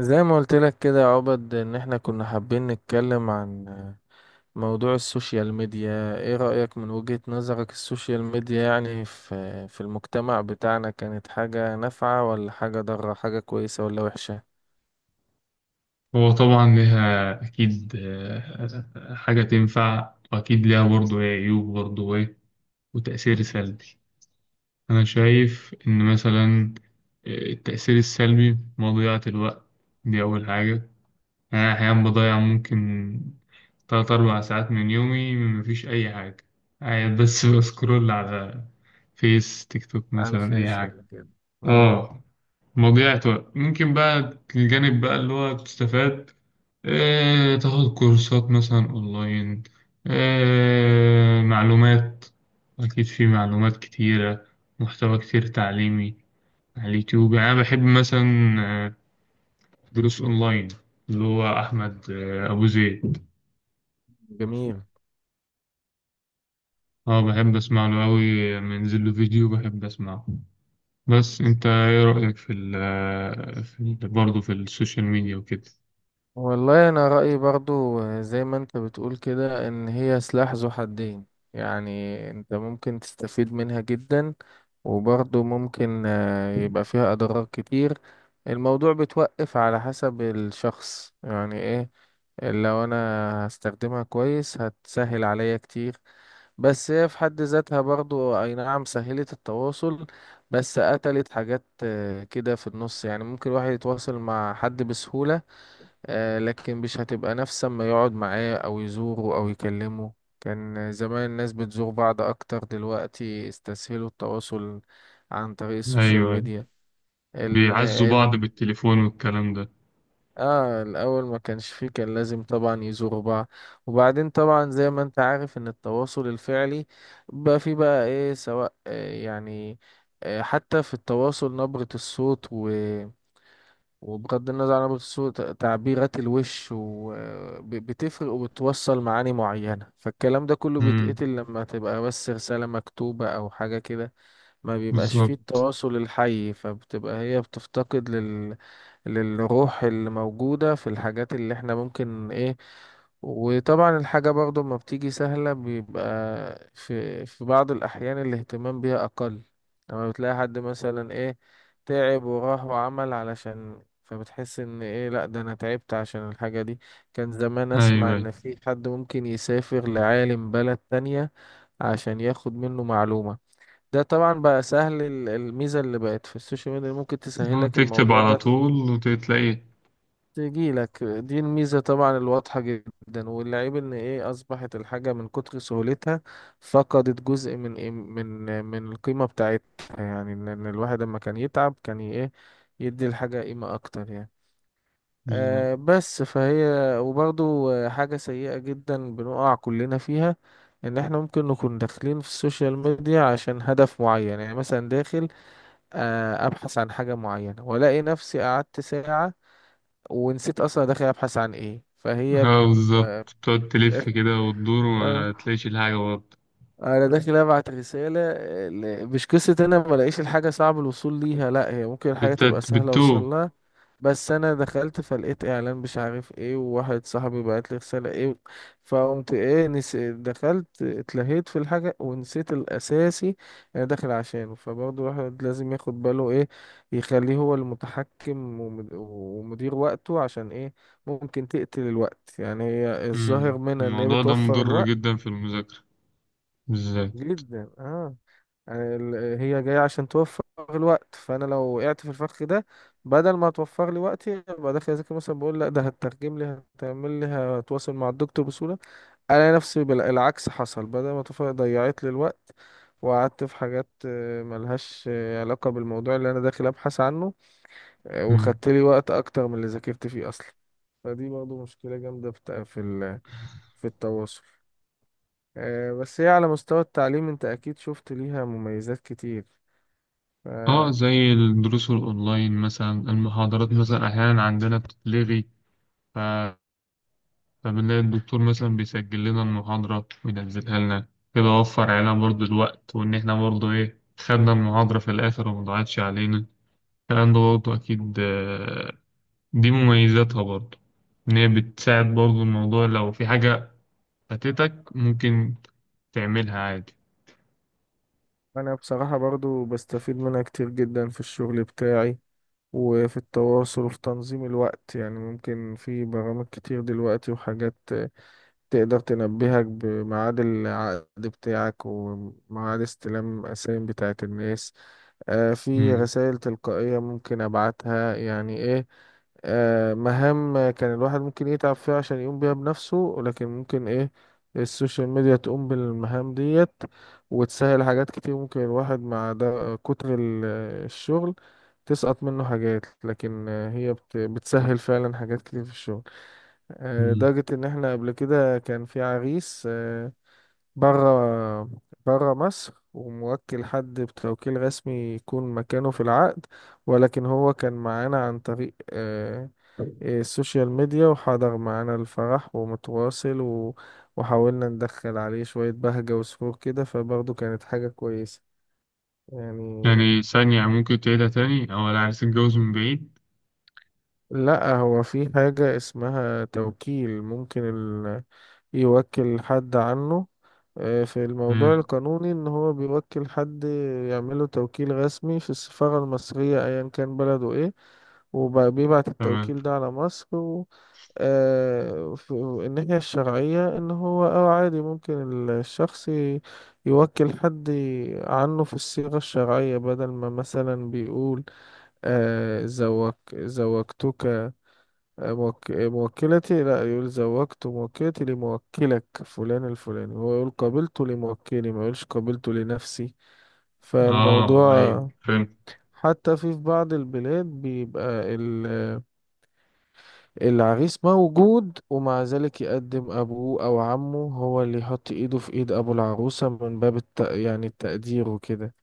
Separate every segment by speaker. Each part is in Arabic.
Speaker 1: زي ما قلت لك كده يا عبد، ان احنا كنا حابين نتكلم عن موضوع السوشيال ميديا. ايه رأيك من وجهة نظرك؟ السوشيال ميديا يعني في المجتمع بتاعنا كانت حاجة نافعة ولا حاجة ضارة، حاجة كويسة ولا وحشة؟
Speaker 2: هو طبعا ليها أكيد حاجة تنفع، وأكيد ليها برضه إيه عيوب، برضه إيه وتأثير سلبي. أنا شايف إن مثلا التأثير السلبي مضيعة الوقت. دي أول حاجة. أنا أحيانا بضيع ممكن تلات أربع ساعات من يومي مفيش أي حاجة، قاعد بس بسكرول على فيس، تيك توك،
Speaker 1: على
Speaker 2: مثلا أي
Speaker 1: الفيس
Speaker 2: حاجة.
Speaker 1: ولا كده؟ امم
Speaker 2: آه موجات بقى. ممكن بقى الجانب بقى اللي هو تستفاد، تاخد كورسات مثلا أونلاين، معلومات. أكيد في معلومات كتيرة، محتوى كتير تعليمي على اليوتيوب. يعني أنا بحب مثلا آه، دروس أونلاين، اللي هو أحمد أبو زيد.
Speaker 1: جميل.
Speaker 2: أه، بحب أسمع له أوي، منزل له فيديو بحب أسمعه. بس أنت إيه رأيك في ال آه، في ال- برضه في السوشيال ميديا وكده؟
Speaker 1: والله انا رأيي برضو زي ما انت بتقول كده، ان هي سلاح ذو حدين. يعني انت ممكن تستفيد منها جدا، وبرضو ممكن يبقى فيها اضرار كتير. الموضوع بتوقف على حسب الشخص يعني ايه. لو انا هستخدمها كويس هتسهل عليا كتير. بس هي في حد ذاتها، برضو اي نعم سهلت التواصل، بس قتلت حاجات كده في النص. يعني ممكن الواحد يتواصل مع حد بسهولة، لكن مش هتبقى نفس ما يقعد معاه او يزوره او يكلمه. كان زمان الناس بتزور بعض اكتر، دلوقتي استسهلوا التواصل عن طريق السوشيال
Speaker 2: أيوه،
Speaker 1: ميديا. ال
Speaker 2: بيعزوا
Speaker 1: ال
Speaker 2: بعض بالتليفون والكلام ده.
Speaker 1: اه، الاول ما كانش فيه، كان لازم طبعا يزوروا بعض. وبعدين طبعا زي ما انت عارف ان التواصل الفعلي بقى فيه بقى ايه، سواء حتى في التواصل نبرة الصوت، وبغض النظر عن الصوت تعبيرات الوش، وبتفرق وبتوصل معاني معينة. فالكلام ده كله
Speaker 2: امم.
Speaker 1: بيتقتل لما تبقى بس رسالة مكتوبة أو حاجة كده. ما بيبقاش فيه
Speaker 2: بالظبط.
Speaker 1: التواصل الحي، فبتبقى هي بتفتقد للروح اللي موجودة في الحاجات اللي احنا ممكن ايه. وطبعا الحاجة برضو ما بتيجي سهلة، بيبقى في بعض الأحيان الاهتمام بيها أقل. لما بتلاقي حد مثلا إيه، تعب وراح وعمل علشان، فبتحس إن إيه، لأ ده أنا تعبت عشان الحاجة دي. كان زمان أسمع
Speaker 2: ايوه ايوه،
Speaker 1: إن في حد ممكن يسافر لعالم بلد تانية عشان ياخد منه معلومة. ده طبعا بقى سهل. الميزة اللي بقت في السوشيال ميديا ممكن تسهلك
Speaker 2: تكتب
Speaker 1: الموضوع
Speaker 2: على
Speaker 1: ده،
Speaker 2: طول وتلاقي.
Speaker 1: تجي لك. دي الميزة طبعا الواضحة جدا. والعيب ان ايه، اصبحت الحاجة من كتر سهولتها فقدت جزء من إيه، من القيمة بتاعتها. يعني ان الواحد لما كان يتعب، كان ايه، يدي الحاجة قيمة اكتر يعني.
Speaker 2: بالظبط.
Speaker 1: بس فهي، وبرضو حاجة سيئة جدا بنقع كلنا فيها، ان احنا ممكن نكون داخلين في السوشيال ميديا عشان هدف معين. يعني مثلا داخل ابحث عن حاجة معينة، والاقي نفسي قعدت ساعة ونسيت اصلا داخل ابحث عن ايه. فهي ب...
Speaker 2: اه بالظبط، بتقعد تلف كده وتدور
Speaker 1: آه،
Speaker 2: وما تلاقيش الحاجة برضه.
Speaker 1: انا داخل ابعت رسالة مش قصة انا ما الاقيش الحاجة، صعب الوصول ليها. لا، هي ممكن الحاجة تبقى سهلة
Speaker 2: بتتوه.
Speaker 1: اوصلها، بس انا دخلت فلقيت اعلان مش عارف ايه، وواحد صاحبي بعت لي رساله ايه، فقمت ايه دخلت اتلهيت في الحاجه ونسيت الاساسي انا داخل عشانه. فبرضه الواحد لازم ياخد باله، ايه، يخليه هو المتحكم ومدير وقته، عشان ايه، ممكن تقتل الوقت. يعني هي
Speaker 2: امم،
Speaker 1: الظاهر منها ان هي
Speaker 2: الموضوع ده
Speaker 1: بتوفر
Speaker 2: مضر
Speaker 1: الوقت.
Speaker 2: جدا في المذاكرة بالذات.
Speaker 1: جدا، اه. يعني هي جاية عشان توفر الوقت. فأنا لو وقعت في الفخ ده، بدل ما توفر لي وقتي، يبقى داخل أذاكر مثلا بقول لأ ده هترجم لي، هتعمل لي، هتواصل مع الدكتور بسهولة، ألاقي نفسي العكس حصل، بدل ما توفر ضيعت لي الوقت، وقعدت في حاجات ملهاش علاقة بالموضوع اللي أنا داخل أبحث عنه،
Speaker 2: امم،
Speaker 1: وخدت لي وقت أكتر من اللي ذاكرت فيه أصلا. فدي برضه مشكلة جامدة في التواصل. بس هي على مستوى التعليم أنت أكيد شفت ليها مميزات كتير.
Speaker 2: اه،
Speaker 1: آه،
Speaker 2: زي الدروس الأونلاين مثلا، المحاضرات مثلا أحيانا عندنا بتتلغي، فبنلاقي الدكتور مثلا بيسجل لنا المحاضرة وينزلها لنا كده. وفر علينا برضه الوقت، وإن إحنا برضه إيه خدنا المحاضرة في الآخر ومضيعتش علينا الكلام ده برضه. أكيد دي مميزاتها برضه، إن هي بتساعد برضه. الموضوع لو في حاجة فاتتك ممكن تعملها عادي.
Speaker 1: انا بصراحة برضو بستفيد منها كتير جدا في الشغل بتاعي، وفي التواصل وفي تنظيم الوقت. يعني ممكن في برامج كتير دلوقتي وحاجات تقدر تنبهك بميعاد العقد بتاعك وميعاد استلام الأسايم بتاعت الناس. في
Speaker 2: مم.
Speaker 1: رسائل تلقائية ممكن أبعتها يعني إيه. مهام كان الواحد ممكن يتعب فيها عشان يقوم بيها بنفسه، ولكن ممكن إيه، السوشيال ميديا تقوم بالمهام ديت وتسهل حاجات كتير. ممكن الواحد مع ده كتر الشغل تسقط منه حاجات، لكن هي بتسهل فعلا حاجات كتير في الشغل.
Speaker 2: مم.
Speaker 1: لدرجة إن إحنا قبل كده كان في عريس بره بره مصر، وموكل حد بتوكيل رسمي يكون مكانه في العقد. ولكن هو كان معانا عن طريق السوشيال ميديا، وحضر معانا الفرح ومتواصل، و... وحاولنا ندخل عليه شوية بهجة وسرور كده، فبرضه كانت حاجة كويسة يعني.
Speaker 2: يعني ثانية ممكن تعيدها تاني؟ أو لا، عايز تتجوز من بعيد؟
Speaker 1: لا، هو في حاجة اسمها توكيل، ممكن يوكل حد عنه. في الموضوع
Speaker 2: مم.
Speaker 1: القانوني، ان هو بيوكل حد يعمله توكيل رسمي في السفارة المصرية ايا كان بلده ايه، وبيبعت
Speaker 2: تمام.
Speaker 1: التوكيل ده على مصر. و... في الناحية الشرعية، إن هو أو عادي ممكن الشخص يوكل حد عنه في الصيغة الشرعية، بدل ما مثلا بيقول زوج زوجتك، موكلتي، لا يقول زوجت موكلتي لموكلك فلان الفلاني، هو يقول قابلت لموكلي، ما يقولش قابلت لنفسي.
Speaker 2: آه أيوه
Speaker 1: فالموضوع
Speaker 2: فهمت.
Speaker 1: حتى في بعض البلاد بيبقى العريس موجود، ومع ذلك يقدم أبوه أو عمه هو اللي يحط إيده في إيد أبو العروسة من باب يعني التقدير وكده.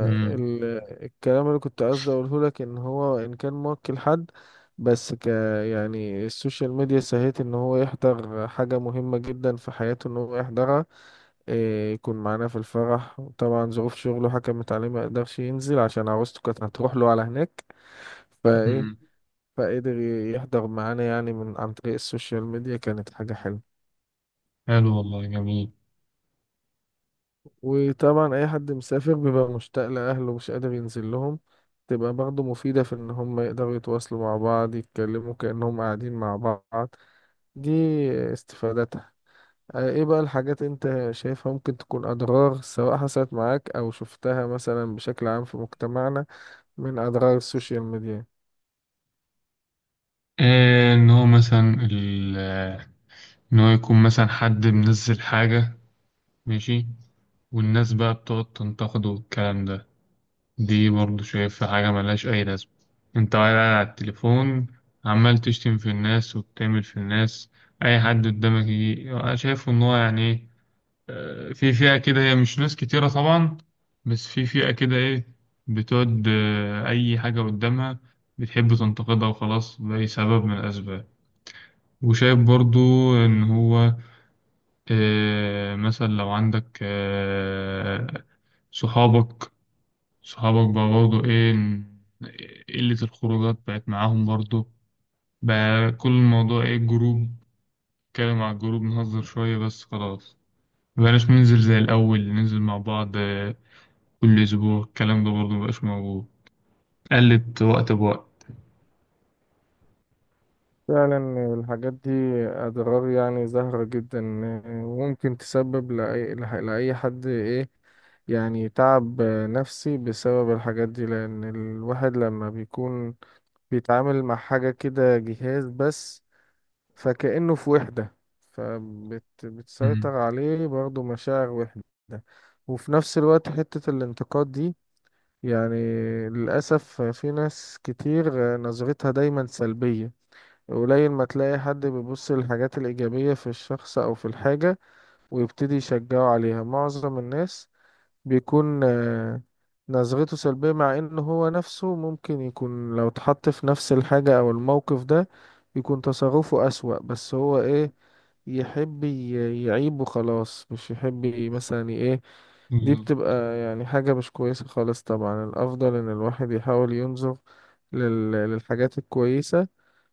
Speaker 2: مم.
Speaker 1: اللي كنت قصدي أقوله لك، إن هو إن كان موكل حد، بس ك يعني السوشيال ميديا سهلت إن هو يحضر حاجة مهمة جدا في حياته، إن هو يحضرها، إيه، يكون معانا في الفرح. طبعا ظروف شغله حكمت عليه ما يقدرش ينزل، عشان عروسته كانت هتروح له على هناك، فإيه،
Speaker 2: مم.
Speaker 1: فقدر يحضر معانا يعني من عن طريق السوشيال ميديا. كانت حاجة حلوة.
Speaker 2: حلو، والله جميل.
Speaker 1: وطبعا أي حد مسافر بيبقى مشتاق لأهله ومش قادر ينزل لهم، تبقى برضه مفيدة في إن هم يقدروا يتواصلوا مع بعض، يتكلموا كأنهم قاعدين مع بعض. دي استفادتها. إيه بقى الحاجات أنت شايفها ممكن تكون أضرار، سواء حصلت معاك أو شفتها مثلا بشكل عام في مجتمعنا من أضرار السوشيال ميديا؟
Speaker 2: آه، ان هو مثلا ال... آه، ان هو يكون مثلا حد منزل حاجة ماشي، والناس بقى بتقعد تنتقده والكلام ده. دي برضه شايفها حاجة ملهاش أي لازمة. انت قاعد على التليفون عمال تشتم في الناس وبتعمل في الناس. أي حد قدامك يجي، أنا شايفه إن هو يعني إيه، في فئة كده، هي مش ناس كتيرة طبعا، بس في فئة كده إيه، بتقعد أي حاجة قدامها بتحب تنتقدها وخلاص، لأي سبب من الأسباب. وشايف برضو إن هو مثلا لو عندك صحابك صحابك بقى برضو إيه، قلة الخروجات بقت معاهم برضو. بقى كل الموضوع إيه، جروب، نتكلم على الجروب نهزر شوية بس خلاص. مبقناش ننزل زي الأول، ننزل مع بعض كل أسبوع، الكلام ده برضو مبقاش موجود. قلت وقت بوقت.
Speaker 1: فعلا الحاجات دي أضرار يعني ظاهرة جدا، وممكن تسبب لأي، لأي حد إيه، يعني تعب نفسي بسبب الحاجات دي. لأن الواحد لما بيكون بيتعامل مع حاجة كده، جهاز بس، فكأنه في وحدة، فبتسيطر
Speaker 2: مم.
Speaker 1: عليه برضه مشاعر وحدة. وفي نفس الوقت حتة الانتقاد دي، يعني للأسف في ناس كتير نظرتها دايما سلبية. قليل ما تلاقي حد بيبص للحاجات الإيجابية في الشخص أو في الحاجة ويبتدي يشجعه عليها. معظم الناس بيكون نظرته سلبية، مع إن هو نفسه ممكن يكون لو اتحط في نفس الحاجة أو الموقف ده يكون تصرفه أسوأ. بس هو إيه، يحب يعيب وخلاص، مش يحب إيه. دي
Speaker 2: بالظبط.
Speaker 1: بتبقى يعني حاجة مش كويسة خالص. طبعا الأفضل إن الواحد يحاول ينظر للحاجات الكويسة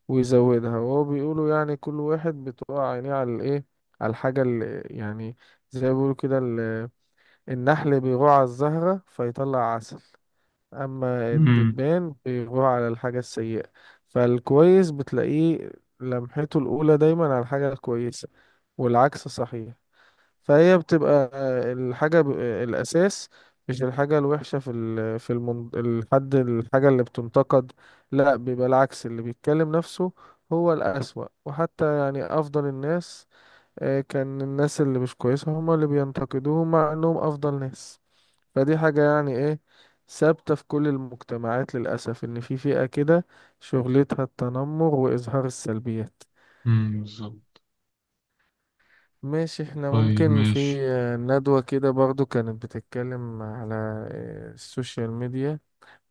Speaker 1: ويزودها. وهو بيقولوا يعني كل واحد بتقع عينيه على الايه، على الحاجة اللي يعني، زي ما بيقولوا كده، النحل بيغوع على الزهرة فيطلع عسل، أما
Speaker 2: مم.
Speaker 1: الدبان بيغوع على الحاجة السيئة. فالكويس بتلاقيه لمحته الأولى دايما على الحاجة الكويسة، والعكس صحيح. فهي بتبقى الحاجة الأساس، مش الحاجة الوحشة في ال في المن... الحد الحاجة اللي بتنتقد، لا، بيبقى العكس، اللي بيتكلم نفسه هو الأسوأ. وحتى يعني أفضل الناس، كان الناس اللي مش كويسة هما اللي بينتقدوهم، مع إنهم أفضل ناس. فدي حاجة يعني إيه، ثابتة في كل المجتمعات للأسف، إن في فئة كده شغلتها التنمر وإظهار السلبيات.
Speaker 2: مم. بالظبط.
Speaker 1: ماشي، احنا
Speaker 2: طيب
Speaker 1: ممكن في
Speaker 2: ماشي.
Speaker 1: ندوة كده برضو كانت بتتكلم على السوشيال ميديا،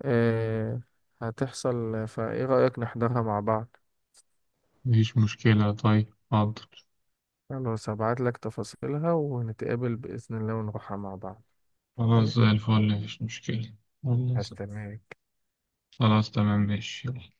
Speaker 1: آه، هتحصل، فايه رأيك نحضرها مع بعض؟
Speaker 2: مفيش مشكلة، طيب حاضر.
Speaker 1: خلاص هبعت لك تفاصيلها ونتقابل بإذن الله ونروحها مع بعض.
Speaker 2: خلاص
Speaker 1: اوكي،
Speaker 2: زي الفل، مفيش مشكلة. والله.
Speaker 1: هستناك.
Speaker 2: خلاص تمام، ماشي، يلا.